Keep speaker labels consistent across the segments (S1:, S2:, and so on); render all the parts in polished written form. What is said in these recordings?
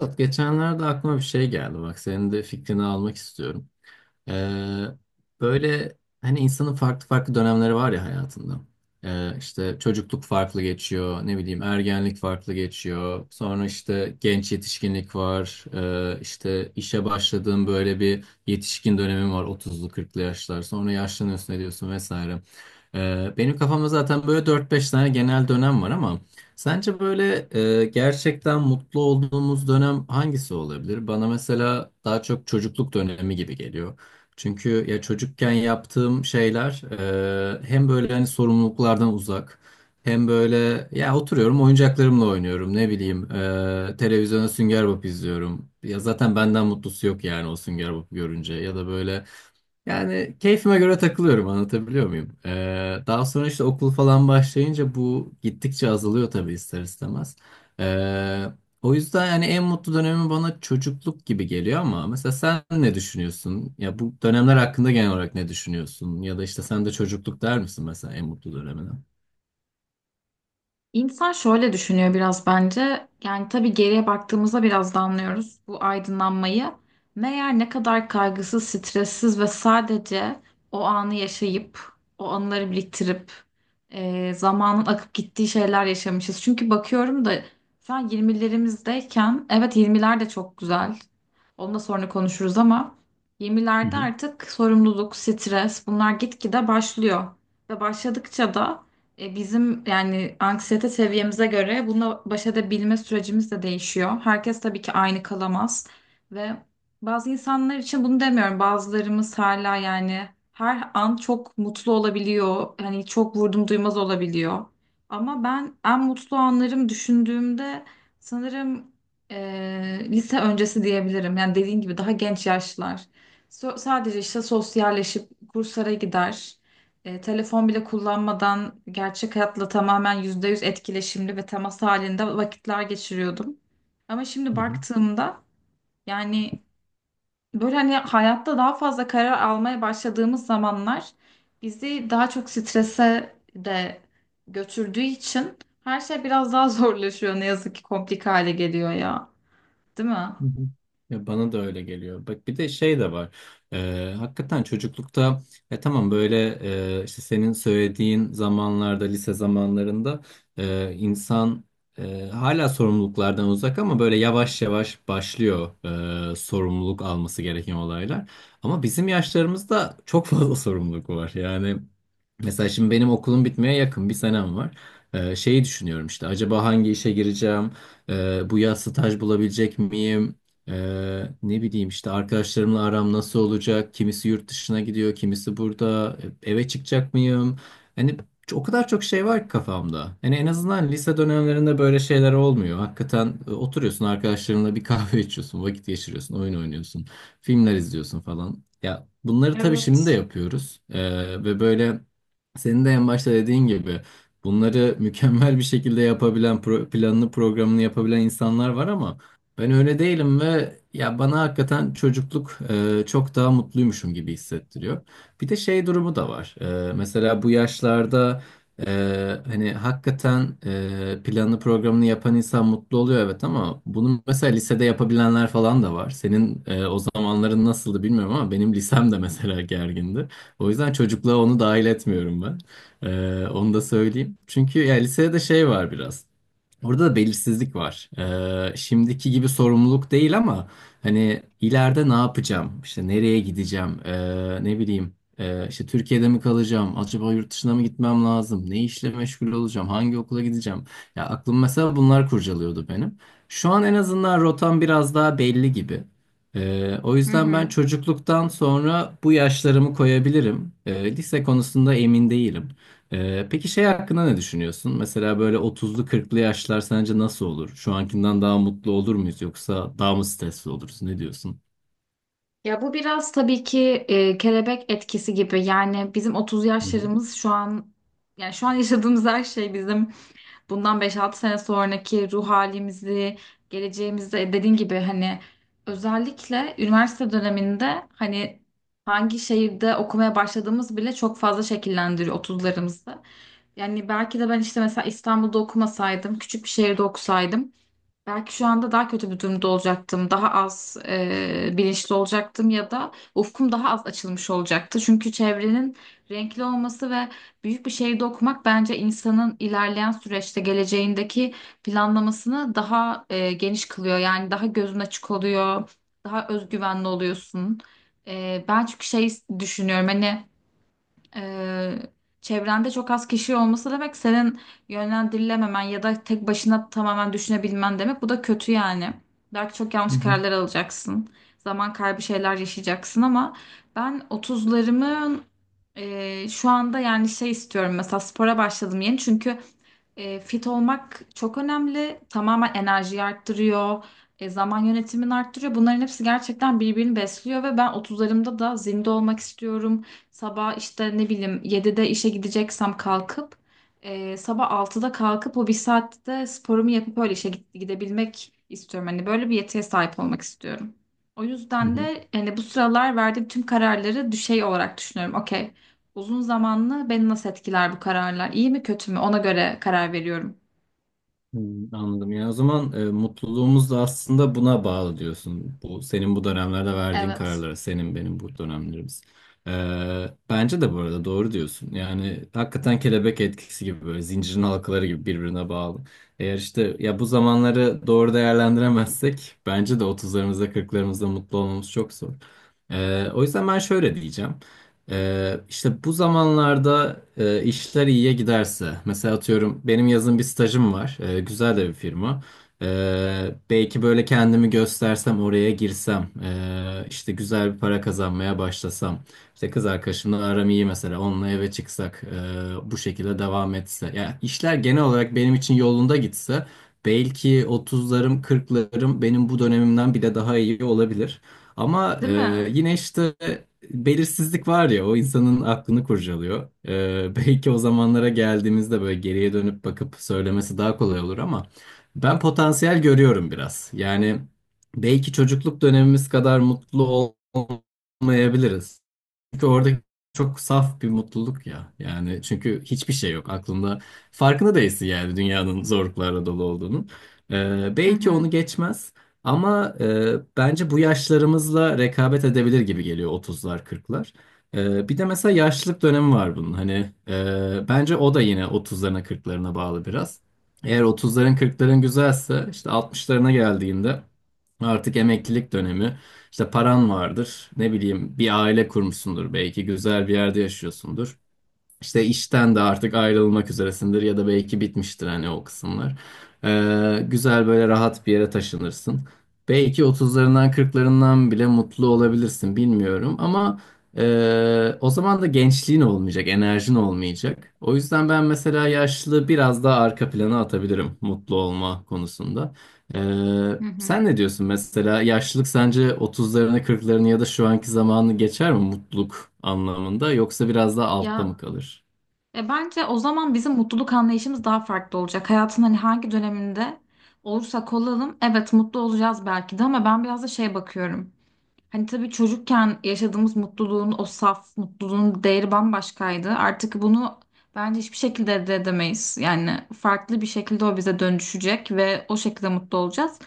S1: Murat, geçenlerde aklıma bir şey geldi. Bak, senin de fikrini almak istiyorum. Ee, Böyle hani insanın farklı farklı dönemleri var ya hayatında. İşte çocukluk farklı geçiyor, ne bileyim ergenlik farklı geçiyor. Sonra işte genç yetişkinlik var. İşte işe başladığın böyle bir yetişkin dönemin var, otuzlu kırklı yaşlar. Sonra yaşlanıyorsun ediyorsun vesaire. Benim kafamda zaten böyle dört beş tane genel dönem var ama sence böyle gerçekten mutlu olduğumuz dönem hangisi olabilir? Bana mesela daha çok çocukluk dönemi gibi geliyor. Çünkü ya çocukken yaptığım şeyler hem böyle hani sorumluluklardan uzak, hem böyle ya oturuyorum oyuncaklarımla oynuyorum, ne bileyim televizyona Sünger Bob izliyorum. Ya zaten benden mutlusu yok yani o Sünger Bob görünce, ya da böyle yani keyfime göre takılıyorum, anlatabiliyor muyum? Daha sonra işte okul falan başlayınca bu gittikçe azalıyor tabii, ister istemez. Ee, O yüzden yani en mutlu dönemi bana çocukluk gibi geliyor ama mesela sen ne düşünüyorsun? Ya bu dönemler hakkında genel olarak ne düşünüyorsun? Ya da işte sen de çocukluk der misin mesela en mutlu dönemine?
S2: İnsan şöyle düşünüyor biraz bence. Yani tabii geriye baktığımızda biraz da anlıyoruz bu aydınlanmayı. Meğer ne kadar kaygısız, stressiz ve sadece o anı yaşayıp, o anıları biriktirip, zamanın akıp gittiği şeyler yaşamışız. Çünkü bakıyorum da şu an 20'lerimizdeyken, evet 20'ler de çok güzel. Onu da sonra konuşuruz ama
S1: Hı
S2: 20'lerde
S1: hı.
S2: artık sorumluluk, stres bunlar gitgide başlıyor. Ve başladıkça da bizim yani anksiyete seviyemize göre bununla baş edebilme sürecimiz de değişiyor. Herkes tabii ki aynı kalamaz ve bazı insanlar için bunu demiyorum. Bazılarımız hala yani her an çok mutlu olabiliyor. Hani çok vurdum duymaz olabiliyor. Ama ben en mutlu anlarım düşündüğümde sanırım lise öncesi diyebilirim. Yani dediğin gibi daha genç yaşlar. Sadece işte sosyalleşip kurslara gider. Telefon bile kullanmadan gerçek hayatla tamamen %100 etkileşimli ve temas halinde vakitler geçiriyordum. Ama şimdi
S1: Hı hı.
S2: baktığımda yani böyle hani hayatta daha fazla karar almaya başladığımız zamanlar bizi daha çok strese de götürdüğü için her şey biraz daha zorlaşıyor. Ne yazık ki komplik hale geliyor ya, değil mi?
S1: Hı hı. Ya bana da öyle geliyor. Bak, bir de şey de var. Hakikaten çocuklukta, tamam, böyle, işte senin söylediğin zamanlarda, lise zamanlarında insan hala sorumluluklardan uzak ama böyle yavaş yavaş başlıyor sorumluluk alması gereken olaylar. Ama bizim yaşlarımızda çok fazla sorumluluk var. Yani mesela şimdi benim okulum bitmeye yakın, bir senem var. Şeyi düşünüyorum, işte acaba hangi işe gireceğim? Bu yaz staj bulabilecek miyim? Ne bileyim, işte arkadaşlarımla aram nasıl olacak? Kimisi yurt dışına gidiyor, kimisi burada. Eve çıkacak mıyım? Hani o kadar çok şey var ki kafamda. Hani en azından lise dönemlerinde böyle şeyler olmuyor. Hakikaten oturuyorsun arkadaşlarınla, bir kahve içiyorsun, vakit geçiriyorsun, oyun oynuyorsun, filmler izliyorsun falan. Ya bunları tabii şimdi de
S2: Evet.
S1: yapıyoruz. Ve böyle senin de en başta dediğin gibi bunları mükemmel bir şekilde yapabilen, planını programını yapabilen insanlar var ama ben öyle değilim ve ya bana hakikaten çocukluk çok daha mutluymuşum gibi hissettiriyor. Bir de şey durumu da var. Mesela bu yaşlarda hani hakikaten planını programını yapan insan mutlu oluyor, evet, ama bunu mesela lisede yapabilenler falan da var. Senin o zamanların nasıldı bilmiyorum ama benim lisem de mesela gergindi. O yüzden çocukluğa onu dahil etmiyorum ben. Onu da söyleyeyim. Çünkü ya lisede de şey var biraz. Orada da belirsizlik var. Şimdiki gibi sorumluluk değil ama hani ileride ne yapacağım? İşte nereye gideceğim? Ne bileyim. İşte Türkiye'de mi kalacağım? Acaba yurt dışına mı gitmem lazım? Ne işle meşgul olacağım? Hangi okula gideceğim? Ya aklım mesela bunlar kurcalıyordu benim. Şu an en azından rotam biraz daha belli gibi. O
S2: Hı
S1: yüzden ben
S2: hı.
S1: çocukluktan sonra bu yaşlarımı koyabilirim. Lise konusunda emin değilim. Peki şey hakkında ne düşünüyorsun? Mesela böyle otuzlu, kırklı yaşlar sence nasıl olur? Şu ankinden daha mutlu olur muyuz yoksa daha mı stresli oluruz? Ne diyorsun?
S2: Ya bu biraz tabii ki kelebek etkisi gibi. Yani bizim 30
S1: Hı hı.
S2: yaşlarımız şu an yani şu an yaşadığımız her şey bizim bundan beş altı sene sonraki ruh halimizi, geleceğimizi dediğin gibi hani özellikle üniversite döneminde hani hangi şehirde okumaya başladığımız bile çok fazla şekillendiriyor 30'larımızı. Yani belki de ben işte mesela İstanbul'da okumasaydım, küçük bir şehirde okusaydım, belki şu anda daha kötü bir durumda olacaktım. Daha az bilinçli olacaktım ya da ufkum daha az açılmış olacaktı. Çünkü çevrenin renkli olması ve büyük bir şehirde okumak bence insanın ilerleyen süreçte geleceğindeki planlamasını daha geniş kılıyor. Yani daha gözün açık oluyor, daha özgüvenli oluyorsun. Ben çünkü şey düşünüyorum hani ee, çevrende çok az kişi olması demek senin yönlendirilememen ya da tek başına tamamen düşünebilmen demek. Bu da kötü yani. Belki çok
S1: Hı
S2: yanlış
S1: hı.
S2: kararlar alacaksın. Zaman kaybı şeyler yaşayacaksın ama ben otuzlarımın şu anda yani şey istiyorum mesela spora başladım yeni çünkü fit olmak çok önemli. Tamamen enerjiyi arttırıyor, zaman yönetimini arttırıyor. Bunların hepsi gerçekten birbirini besliyor ve ben otuzlarımda da zinde olmak istiyorum. Sabah işte ne bileyim 7'de işe gideceksem kalkıp sabah 6'da kalkıp o bir saatte sporumu yapıp öyle işe gidebilmek istiyorum. Hani böyle bir yetiye sahip olmak istiyorum. O
S1: Hı
S2: yüzden
S1: hı.
S2: de yani bu sıralar verdiğim tüm kararları düşey olarak düşünüyorum. Okey. Uzun zamanlı beni nasıl etkiler bu kararlar? İyi mi kötü mü? Ona göre karar veriyorum.
S1: Hmm, anladım. Yani o zaman mutluluğumuz da aslında buna bağlı diyorsun. Bu senin bu dönemlerde verdiğin
S2: Evet.
S1: kararlara, senin benim bu dönemlerimiz. E, Bence de bu arada doğru diyorsun. Yani hakikaten kelebek etkisi gibi, böyle zincirin halkaları gibi birbirine bağlı. Eğer işte ya bu zamanları doğru değerlendiremezsek bence de otuzlarımızda, kırklarımızda mutlu olmamız çok zor. O yüzden ben şöyle diyeceğim. İşte bu zamanlarda işler iyiye giderse, mesela atıyorum benim yazın bir stajım var, güzel de bir firma. Belki böyle kendimi göstersem, oraya girsem, işte güzel bir para kazanmaya başlasam, işte kız arkadaşımla aram iyi mesela, onunla eve çıksak, bu şekilde devam etse, yani işler genel olarak benim için yolunda gitse, belki otuzlarım, kırklarım benim bu dönemimden bile daha iyi olabilir. Ama
S2: Değil mi?
S1: yine işte belirsizlik var ya, o insanın aklını kurcalıyor. Belki o zamanlara geldiğimizde böyle geriye dönüp bakıp söylemesi daha kolay olur ama ben potansiyel görüyorum biraz. Yani belki çocukluk dönemimiz kadar mutlu olmayabiliriz. Çünkü orada çok saf bir mutluluk ya. Yani çünkü hiçbir şey yok aklında. Farkında değilsin yani dünyanın zorluklarla dolu olduğunun.
S2: Hı
S1: Belki
S2: hı.
S1: onu geçmez ama bence bu yaşlarımızla rekabet edebilir gibi geliyor otuzlar, kırklar. Bir de mesela yaşlılık dönemi var bunun. Hani bence o da yine otuzlarına, kırklarına bağlı biraz. Eğer otuzların, kırkların güzelse, işte altmışlarına geldiğinde artık emeklilik dönemi. İşte paran vardır. Ne bileyim, bir aile kurmuşsundur, belki güzel bir yerde yaşıyorsundur. İşte işten de artık ayrılmak üzeresindir ya da belki bitmiştir hani o kısımlar. Güzel, böyle rahat bir yere taşınırsın. Belki otuzlarından kırklarından bile mutlu olabilirsin, bilmiyorum, ama o zaman da gençliğin olmayacak, enerjin olmayacak. O yüzden ben mesela yaşlılığı biraz daha arka plana atabilirim mutlu olma konusunda.
S2: Hı hı.
S1: Sen ne diyorsun, mesela yaşlılık sence 30'larını, kırklarını ya da şu anki zamanı geçer mi mutluluk anlamında, yoksa biraz daha altta
S2: Ya,
S1: mı kalır?
S2: bence o zaman bizim mutluluk anlayışımız daha farklı olacak. Hayatın hani hangi döneminde olursak olalım evet mutlu olacağız belki de ama ben biraz da şey bakıyorum. Hani tabii çocukken yaşadığımız mutluluğun o saf mutluluğun değeri bambaşkaydı. Artık bunu bence hiçbir şekilde elde edemeyiz. Yani farklı bir şekilde o bize dönüşecek ve o şekilde mutlu olacağız.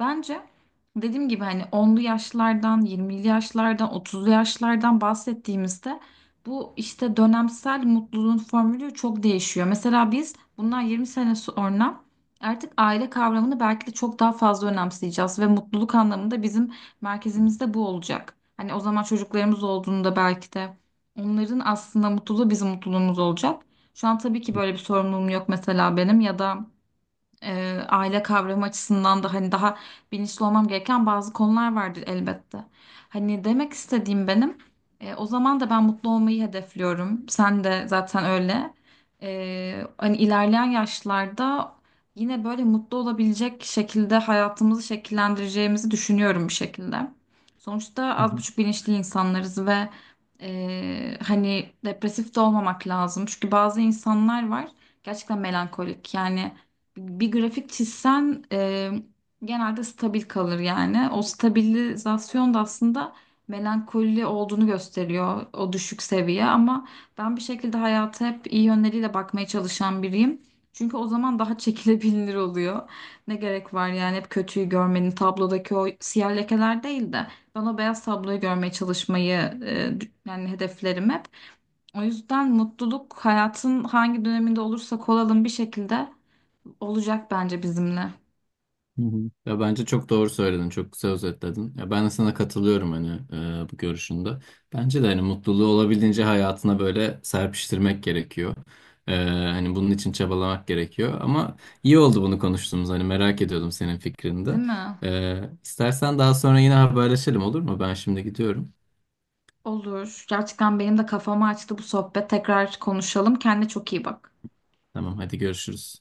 S2: Bence dediğim gibi hani onlu yaşlardan, 20'li yaşlardan, 30'lu yaşlardan bahsettiğimizde bu işte dönemsel mutluluğun formülü çok değişiyor. Mesela biz bundan 20 sene sonra artık aile kavramını belki de çok daha fazla önemseyeceğiz ve mutluluk anlamında bizim merkezimizde bu olacak. Hani o zaman çocuklarımız olduğunda belki de onların aslında mutluluğu bizim mutluluğumuz olacak. Şu an tabii ki böyle bir sorumluluğum yok mesela benim ya da aile kavramı açısından da hani daha bilinçli olmam gereken bazı konular vardır elbette. Hani demek istediğim benim o zaman da ben mutlu olmayı hedefliyorum. Sen de zaten öyle. Hani ilerleyen yaşlarda yine böyle mutlu olabilecek şekilde hayatımızı şekillendireceğimizi düşünüyorum bir şekilde. Sonuçta az buçuk bilinçli insanlarız ve hani depresif de olmamak lazım. Çünkü bazı insanlar var gerçekten melankolik. Yani bir grafik çizsen genelde stabil kalır yani. O stabilizasyon da aslında melankoli olduğunu gösteriyor o düşük seviye ama ben bir şekilde hayata hep iyi yönleriyle bakmaya çalışan biriyim. Çünkü o zaman daha çekilebilir oluyor. Ne gerek var yani hep kötüyü görmenin tablodaki o siyah lekeler değil de ben o beyaz tabloyu görmeye çalışmayı yani hedeflerim hep. O yüzden mutluluk hayatın hangi döneminde olursak olalım bir şekilde olacak bence bizimle.
S1: Hı hı. Ya bence çok doğru söyledin, çok güzel özetledin. Ya ben de sana katılıyorum hani bu görüşünde. Bence de hani mutluluğu olabildiğince hayatına böyle serpiştirmek gerekiyor. E, Hani bunun için çabalamak gerekiyor. Ama iyi oldu bunu konuştuğumuz. Hani merak ediyordum senin fikrini
S2: Değil
S1: de.
S2: mi?
S1: İstersen daha sonra yine haberleşelim, olur mu? Ben şimdi gidiyorum.
S2: Olur. Gerçekten benim de kafamı açtı bu sohbet. Tekrar konuşalım. Kendine çok iyi bak.
S1: Tamam, hadi görüşürüz.